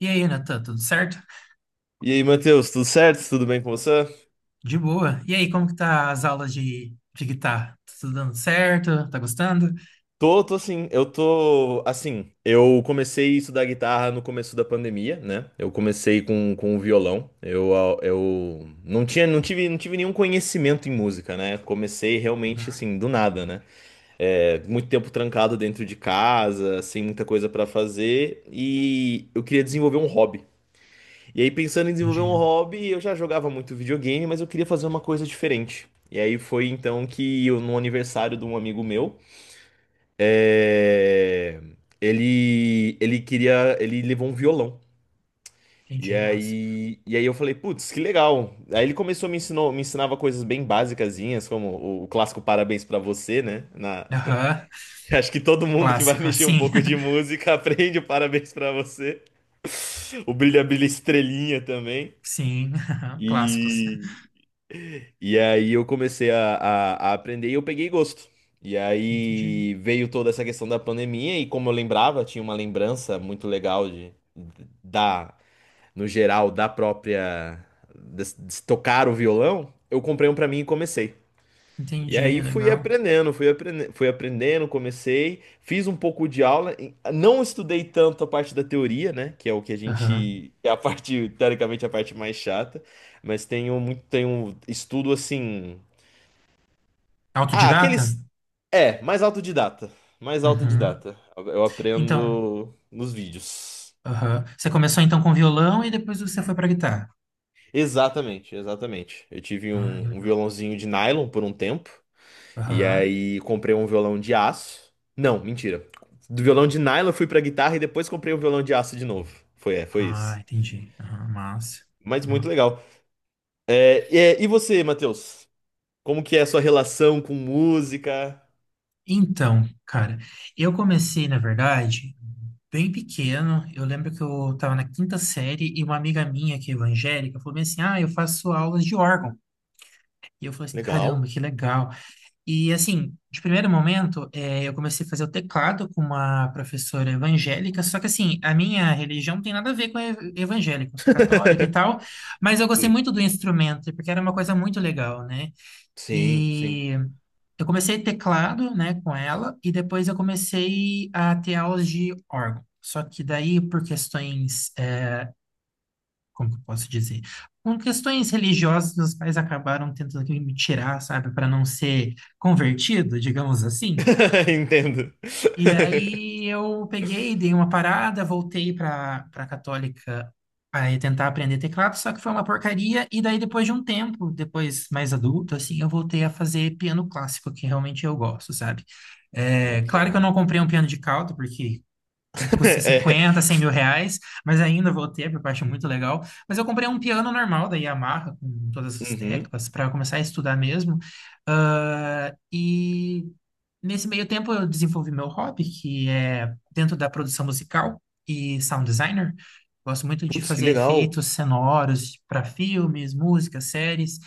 E aí, Natan, tudo certo? E aí, Matheus, tudo certo? Tudo bem com você? De boa. E aí, como que tá as aulas de guitarra? Tá tudo dando certo? Tá gostando? Tô sim. Eu tô, assim, eu comecei a estudar guitarra no começo da pandemia, né? Eu comecei com o violão. Eu não tinha, não tive nenhum conhecimento em música, né? Comecei realmente, Uhum, assim, do nada, né? É, muito tempo trancado dentro de casa, sem muita coisa pra fazer. E eu queria desenvolver um hobby. E aí, pensando em desenvolver um entendi. hobby, eu já jogava muito videogame, mas eu queria fazer uma coisa diferente. E aí foi então que eu, no aniversário de um amigo meu, é, ele queria, ele levou um violão. E Entendi, nossa. aí, e aí eu falei, putz, que legal. Aí ele começou a me ensinou, me ensinava coisas bem basicazinhas, como o clássico parabéns pra você, né? Na- Aham, Acho que todo mundo que vai clássico, mexer um assim. pouco de música aprende o parabéns pra você. O brilha brilha estrelinha também. Sim, aham, clássicos. E E aí eu comecei a aprender e eu peguei gosto. E Entendi. aí veio toda essa questão da pandemia, e como eu lembrava, tinha uma lembrança muito legal de, da, no geral, da própria, de tocar o violão, eu comprei um pra mim e comecei. E Entendi, aí fui legal. aprendendo, fui aprendendo, fui aprendendo, comecei, fiz um pouco de aula, e não estudei tanto a parte da teoria, né, que é o que a Aham. gente, é a parte, teoricamente, a parte mais chata, mas tenho muito, tenho estudo assim ah, Autodidata? aqueles. É, mais autodidata. Mais Uhum. autodidata. Eu Então, aprendo nos vídeos. aham. Você começou então com violão e depois você foi pra guitarra. Exatamente, exatamente. Eu tive Ah, que um legal. violãozinho de nylon por um tempo. E Aham. aí comprei um violão de aço. Não, mentira. Do violão de nylon eu fui pra guitarra e depois comprei um violão de aço de novo. Foi, é, foi Ah, isso. entendi. Aham, massa. Mas muito Aham. legal. É, é, e você, Matheus? Como que é a sua relação com música? Então, cara, eu comecei, na verdade, bem pequeno. Eu lembro que eu estava na quinta série e uma amiga minha, que é evangélica, falou bem assim: ah, eu faço aulas de órgão. E eu falei assim: caramba, Legal. que legal. E assim, de primeiro momento, eu comecei a fazer o teclado com uma professora evangélica. Só que assim, a minha religião não tem nada a ver com a evangélica. Eu sou católico e tal. Mas eu gostei Sim, muito do instrumento, porque era uma coisa muito legal, né? sim. Sim. E eu comecei teclado, né, com ela, e depois eu comecei a ter aulas de órgão. Só que daí, por questões, como que eu posso dizer? Com questões religiosas, meus pais acabaram tentando que me tirar, sabe, para não ser convertido, digamos assim. Entendo. E aí eu peguei, dei uma parada, voltei para católica para tentar aprender teclado, só que foi uma porcaria. E daí depois de um tempo, depois mais adulto, assim, eu voltei a fazer piano clássico, que realmente eu gosto, sabe? É, Muito claro que eu não legal. comprei um piano de cauda, porque custa É. 50, R$ 100 mil, mas ainda vou ter, porque eu acho muito legal. Mas eu comprei um piano normal da Yamaha, com todas as Uhum. teclas, para começar a estudar mesmo. Ah, e nesse meio tempo eu desenvolvi meu hobby, que é dentro da produção musical e sound designer. Gosto muito de Putz, que fazer legal. efeitos sonoros para filmes, músicas, séries.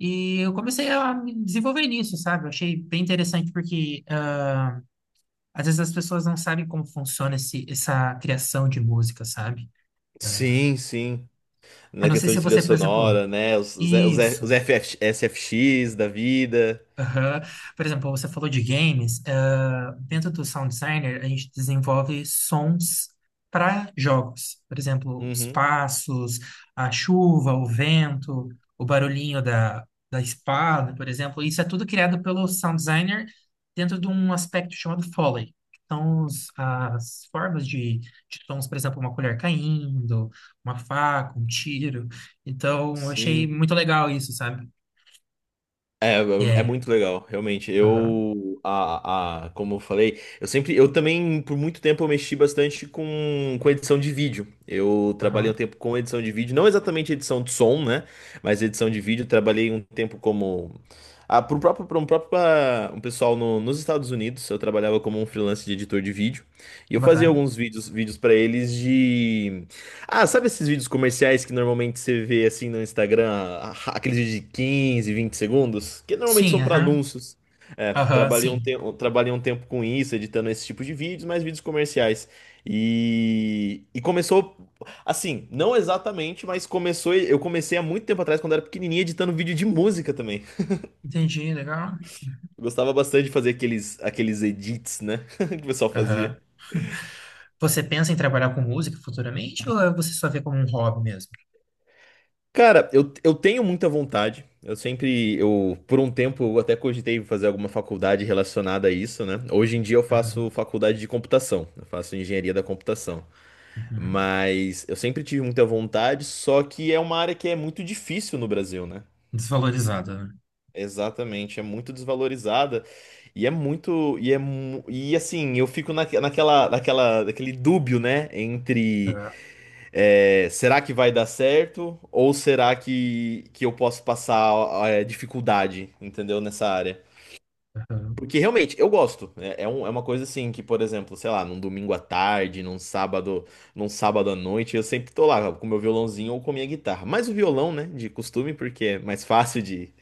E eu comecei a me desenvolver nisso, sabe? Eu achei bem interessante porque às vezes as pessoas não sabem como funciona essa criação de música, sabe? Sim, sim. Eu Na não sei questão se de trilha você, por exemplo, sonora, né? Isso. Os FF SFX da vida. Aham. Por exemplo, você falou de games. Ah, dentro Uhum. do Sound Designer, a gente desenvolve sons para jogos. Por exemplo, os Uhum. passos, a chuva, o vento, o barulhinho da espada, por exemplo. Isso é tudo criado pelo Sound Designer dentro de um aspecto chamado Foley. São as formas de sons, por exemplo, uma colher caindo, uma faca, um tiro. Então, eu achei Sim. muito legal isso, sabe? É, é É. muito legal, realmente. Aham. Eu, a, como eu falei, eu sempre, eu também, por muito tempo, eu mexi bastante com edição de vídeo. Eu trabalhei Aham. um tempo com edição de vídeo, não exatamente edição de som, né? Mas edição de vídeo. Trabalhei um tempo como, ah, para um pessoal no, nos Estados Unidos. Eu trabalhava como um freelance de editor de vídeo e Que eu fazia bacana. alguns vídeos para eles ah, sabe esses vídeos comerciais que normalmente você vê assim no Instagram, aqueles vídeos de 15, 20 segundos, que normalmente Sim, são para aham. anúncios. É, Aham, trabalhei um sim. tempo, trabalhei um tempo com isso, editando esse tipo de vídeos, mas vídeos comerciais. E começou assim, não exatamente, mas começou, eu comecei há muito tempo atrás quando era pequenininho editando vídeo de música também. Entendi, legal. Eu gostava bastante de fazer aqueles edits, né, que o pessoal Aham. fazia. Você pensa em trabalhar com música futuramente ou você só vê como um hobby mesmo? Cara, eu tenho muita vontade. Eu sempre, eu, por um tempo, eu até cogitei fazer alguma faculdade relacionada a isso, né? Hoje em dia eu Aham. faço faculdade de computação, eu faço engenharia da computação. Uhum. Mas eu sempre tive muita vontade, só que é uma área que é muito difícil no Brasil, né? Desvalorizada, né? Exatamente, é muito desvalorizada e é muito, e é, mu- e assim, eu fico na naquele dúbio, né? Entre Aham. é, será que vai dar certo? Ou será que eu posso passar é, dificuldade, entendeu? Nessa área. Aham. Porque realmente, eu gosto. É, é um- é uma coisa assim que, por exemplo, sei lá, num domingo à tarde, num sábado à noite, eu sempre tô lá com meu violãozinho ou com minha guitarra. Mais o violão, né? De costume, porque é mais fácil de,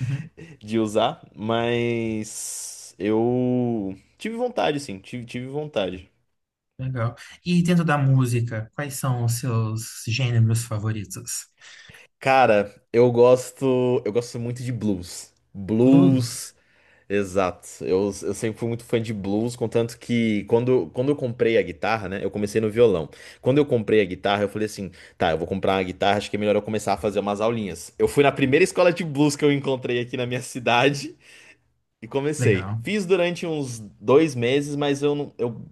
Uhum. de usar. Mas eu tive vontade, sim, tive, tive vontade. Legal. E dentro da música, quais são os seus gêneros favoritos? Cara, eu gosto muito de blues. Blues? Blues, exato. Eu sempre fui muito fã de blues, contanto que quando eu comprei a guitarra, né? Eu comecei no violão. Quando eu comprei a guitarra, eu falei assim, tá, eu vou comprar uma guitarra, acho que é melhor eu começar a fazer umas aulinhas. Eu fui na primeira escola de blues que eu encontrei aqui na minha cidade e comecei. Legal. Fiz durante uns dois meses, mas eu não, eu...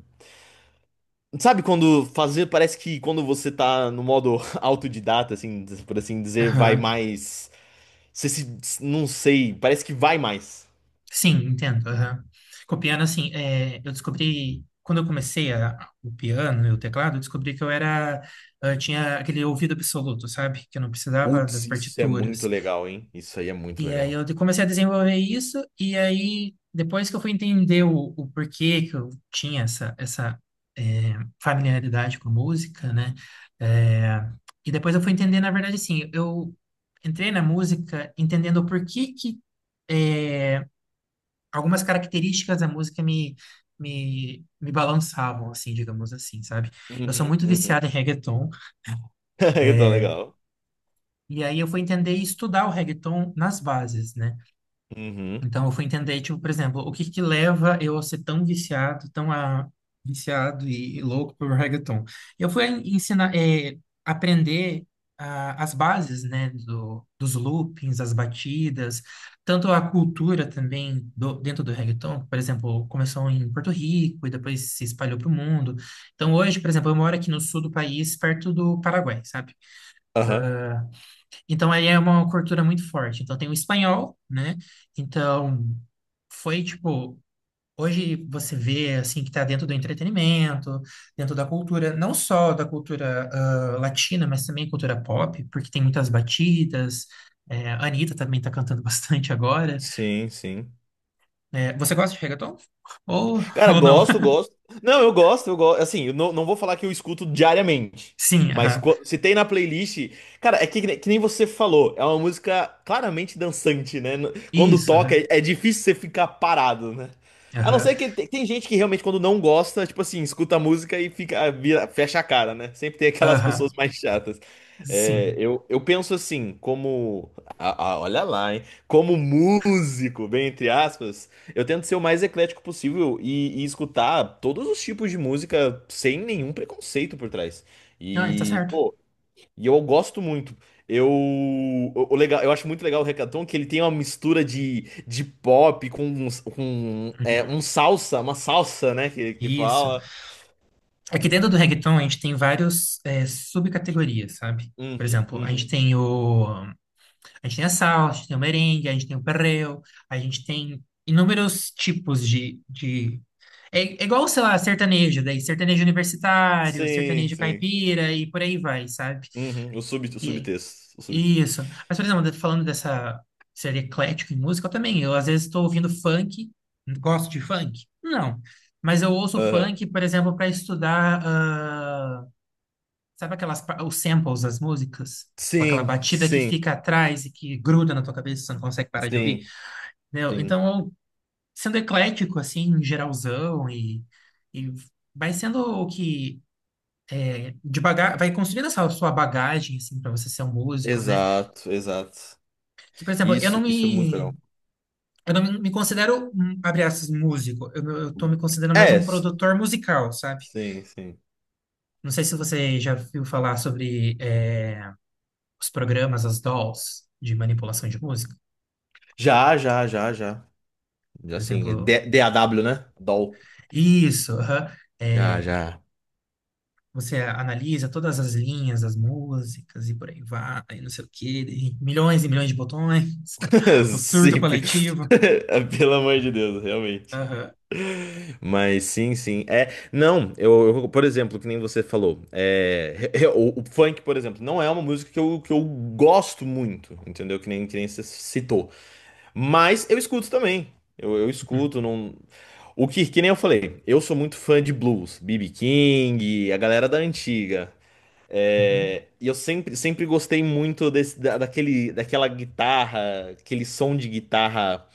Sabe quando fazer, parece que quando você tá no modo autodidata, assim, por assim dizer, vai Aham. mais você se. Não sei, parece que vai mais. Sim, entendo. Aham. Com o piano, assim, eu descobri, quando eu comecei o piano e o teclado, eu descobri que eu tinha aquele ouvido absoluto, sabe? Que eu não precisava Putz, das isso é muito partituras. legal, hein? Isso aí é muito E aí legal. eu comecei a desenvolver isso, e aí depois que eu fui entender o porquê que eu tinha essa é, familiaridade com a música, né? É, e depois eu fui entender, na verdade, assim, eu entrei na música entendendo o porquê que eh, algumas características da música me balançavam, assim, digamos assim, sabe? Eu Uhum, sou muito uhum. viciado em reggaeton, Então, eh, legal. e aí eu fui entender e estudar o reggaeton nas bases, né? Uhum. Então eu fui entender, tipo, por exemplo, o que que leva eu a ser tão viciado, viciado e louco por reggaeton. Eu fui aprender as bases, né, dos loopings, as batidas, tanto a cultura também dentro do reggaeton, por exemplo, começou em Porto Rico e depois se espalhou para o mundo. Então hoje, por exemplo, eu moro aqui no sul do país, perto do Paraguai, sabe? Aham. Então, aí é uma cultura muito forte. Então, tem o espanhol, né? Então, foi tipo. Hoje você vê, assim, que está dentro do entretenimento, dentro da cultura, não só da cultura latina, mas também cultura pop, porque tem muitas batidas. É, a Anitta também está cantando bastante agora. Sim, sim. É, você gosta de reggaeton? Ou, Cara, ou não? gosto, gosto. Não, eu gosto, eu gosto. Assim, eu não, não vou falar que eu escuto diariamente. Sim, Mas aham. qu- se tem na playlist. Cara, é que, ne- que nem você falou. É uma música claramente dançante, né? N- Quando Isso, toca, aham. é, é difícil você ficar parado, né? A não Aham. ser que tem, tem gente que realmente, quando não gosta, tipo assim, escuta a música e fica, vira- fecha a cara, né? Sempre tem aquelas pessoas Aham. mais chatas. É, Sim. eu penso assim, como. Olha lá, hein? Como músico, bem entre aspas. Eu tento ser o mais eclético possível e escutar todos os tipos de música sem nenhum preconceito por trás. Ah, está E, certo. pô, e eu gosto muito. Eu, o legal, eu acho muito legal o reggaeton que ele tem uma mistura de pop com um, é, Uhum. um salsa, uma salsa, né, que Isso. fala. Aqui dentro do reggaeton a gente tem vários subcategorias, sabe? Por Uhum, exemplo, uhum. A gente tem a salsa, a gente tem o merengue, a gente tem o perreo, a gente tem inúmeros tipos de... É igual, sei lá, sertanejo, daí sertanejo universitário, Sim, sertanejo sim. caipira e por aí vai, sabe? Uhum. O sub, o E subtexto. O sub, e isso. Mas, por exemplo, falando dessa ser eclético em música, eu também, eu às vezes estou ouvindo funk, gosto de funk? Não. Mas eu ouço aham. funk, por exemplo, para estudar sabe aquelas, os samples das músicas? Tipo aquela Sim, batida que sim, fica atrás e que gruda na tua cabeça, você não consegue parar de ouvir, sim, né? sim. Então, eu, sendo eclético, assim, geralzão, e vai sendo o que. É, de baga vai construindo essa sua bagagem, assim, para você ser um músico, né? Exato, exato. Que, por exemplo, eu não Isso é muito me. legal. Eu não me considero, abre aspas, músico. Eu tô me considerando mais É, um s- produtor musical, sabe? sim, sim. Não sei se você já viu falar sobre os programas, as dolls de manipulação de música. Já, já, já, já. Já Por sim. exemplo, DAW, né? DAW. isso, aham. Já, É, já. você analisa todas as linhas das músicas e por aí vai, não sei o quê, e milhões de botões, o surto Simples. coletivo. Pelo amor de Deus, realmente. Aham, Mas sim, sim. É, não, eu, por exemplo, que nem você falou, é, re- re- o funk, por exemplo, não é uma música que eu gosto muito, entendeu? Que nem você citou. Mas eu escuto também. Eu uhum, escuto, não. O que, que nem eu falei, eu sou muito fã de blues, B.B. King, a galera da antiga. uhum, É, e eu sempre, sempre gostei muito desse, daquela guitarra, aquele som de guitarra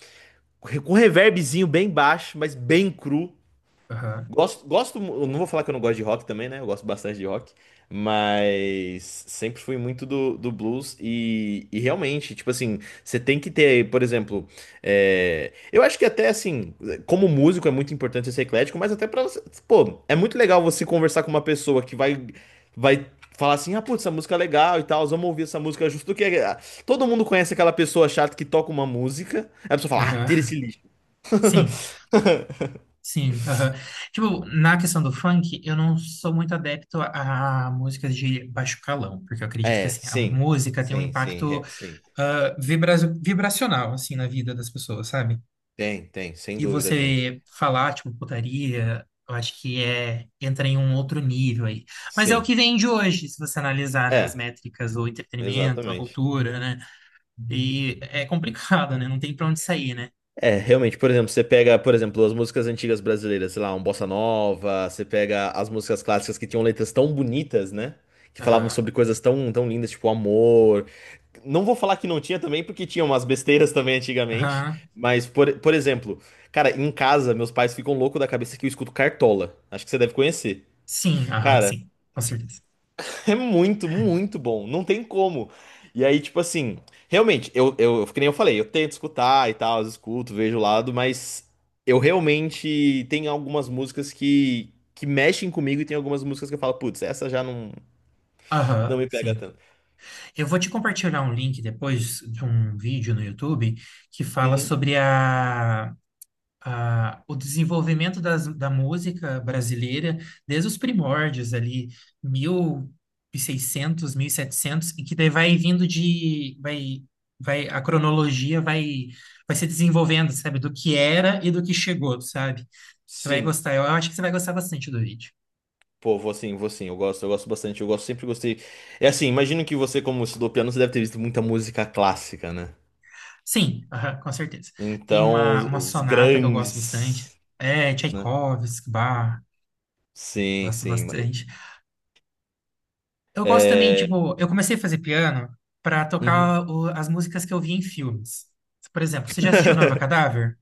com reverbzinho bem baixo, mas bem cru. aham, Gosto, gosto, eu não vou falar que eu não gosto de rock também, né? Eu gosto bastante de rock, mas sempre fui muito do blues e realmente, tipo assim, você tem que ter, por exemplo, é, eu acho que até assim, como músico é muito importante você ser eclético, mas até pra você, pô, é muito legal você conversar com uma pessoa que vai falar assim, ah, putz, essa música é legal e tal, vamos ouvir essa música, justo que ah, todo mundo conhece aquela pessoa chata que toca uma música, aí a pessoa fala, ah, tira aham. esse lixo. Sim, sim. Aham. Tipo, na questão do funk, eu não sou muito adepto a músicas de baixo calão, porque eu acredito que É, assim, a sim, música tem um sim, sim, impacto sim. ah, vibra- vibracional assim, na vida das pessoas, sabe? Tem, tem, sem E dúvida tem. você falar, tipo, putaria, eu acho que entra em um outro nível aí. Mas é o que Sim, vende hoje, se você analisar, né, as é, métricas, o entretenimento, a exatamente. cultura, né? E é complicado, né? Não tem pra onde sair, né? É, realmente, por exemplo, você pega, por exemplo, as músicas antigas brasileiras, sei lá, um bossa nova, você pega as músicas clássicas que tinham letras tão bonitas, né? Que falavam Aham. sobre coisas tão, tão lindas, tipo amor. Não vou falar que não tinha também, porque tinha umas besteiras também antigamente. Aham. Mas, por exemplo, cara, em casa, meus pais ficam loucos da cabeça que eu escuto Cartola. Acho que você deve conhecer. Sim, aham, Cara, sim. Com certeza. é muito, muito bom. Não tem como. E aí, tipo assim, realmente, eu, que nem eu falei, eu tento escutar e tal, eu escuto, vejo o lado, mas eu realmente tem algumas músicas que mexem comigo e tem algumas músicas que eu falo, putz, essa já não, não Aham, me pega sim. tanto. Eu vou te compartilhar um link depois de um vídeo no YouTube que fala Uhum. sobre o desenvolvimento da música brasileira desde os primórdios ali, 1600, 1700, e setecentos, e que daí vai vindo a cronologia vai se desenvolvendo, sabe, do que era e do que chegou, sabe? Você vai Sim. gostar, eu acho que você vai gostar bastante do vídeo. Pô, vou sim, vou sim. Eu gosto bastante. Eu gosto, sempre gostei. É assim, imagino que você, como estudou piano, você deve ter visto muita música clássica, né? Sim, aham, com certeza. Tem Então, uma, uma os sonata que eu gosto bastante, grandes, é né? Tchaikovsky, Bach, Sim, gosto sim. bastante. Eu gosto também, É, tipo, eu comecei a fazer piano pra uhum. tocar as músicas que eu vi em filmes. Por exemplo, você já assistiu Noiva Cadáver?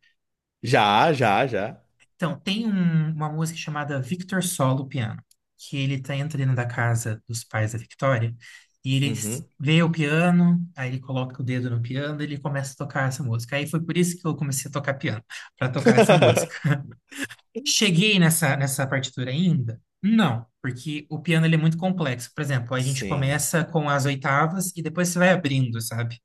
Já, já, já. Então, tem uma música chamada Victor Solo Piano, que ele entra dentro da casa dos pais da Victoria e ele Uhum. vê o piano, aí ele coloca o dedo no piano e ele começa a tocar essa música. Aí foi por isso que eu comecei a tocar piano, pra tocar essa música. Cheguei nessa partitura ainda? Não, porque o piano ele é muito complexo. Por exemplo, a gente Sim. começa com as oitavas e depois você vai abrindo, sabe?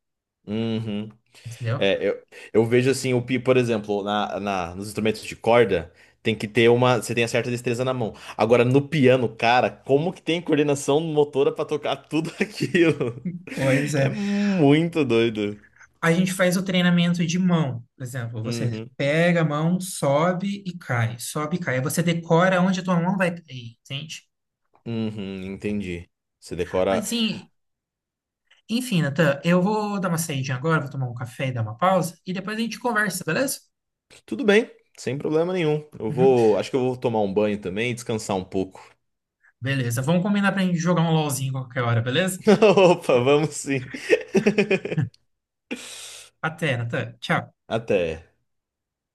Uhum. Entendeu? É, eu vejo assim, o pi, por exemplo, nos instrumentos de corda, tem que ter uma. Você tem a certa destreza na mão. Agora, no piano, cara, como que tem coordenação motora pra tocar tudo aquilo? Pois É é. muito doido. A gente faz o treinamento de mão. Por exemplo, você Uhum. pega a mão, sobe e cai, sobe e cai. Aí você decora onde a tua mão vai cair, entende? Uhum, entendi. Você Mas decora. assim, enfim, Natan, eu vou dar uma saída agora, vou tomar um café e dar uma pausa e depois a gente conversa, beleza? Tudo bem, sem problema nenhum. Eu Uhum. vou. Acho que eu vou tomar um banho também e descansar um pouco. Beleza, vamos combinar pra gente jogar um LOLzinho qualquer hora, beleza? Opa, vamos sim. Até, Natan. Tchau. Até.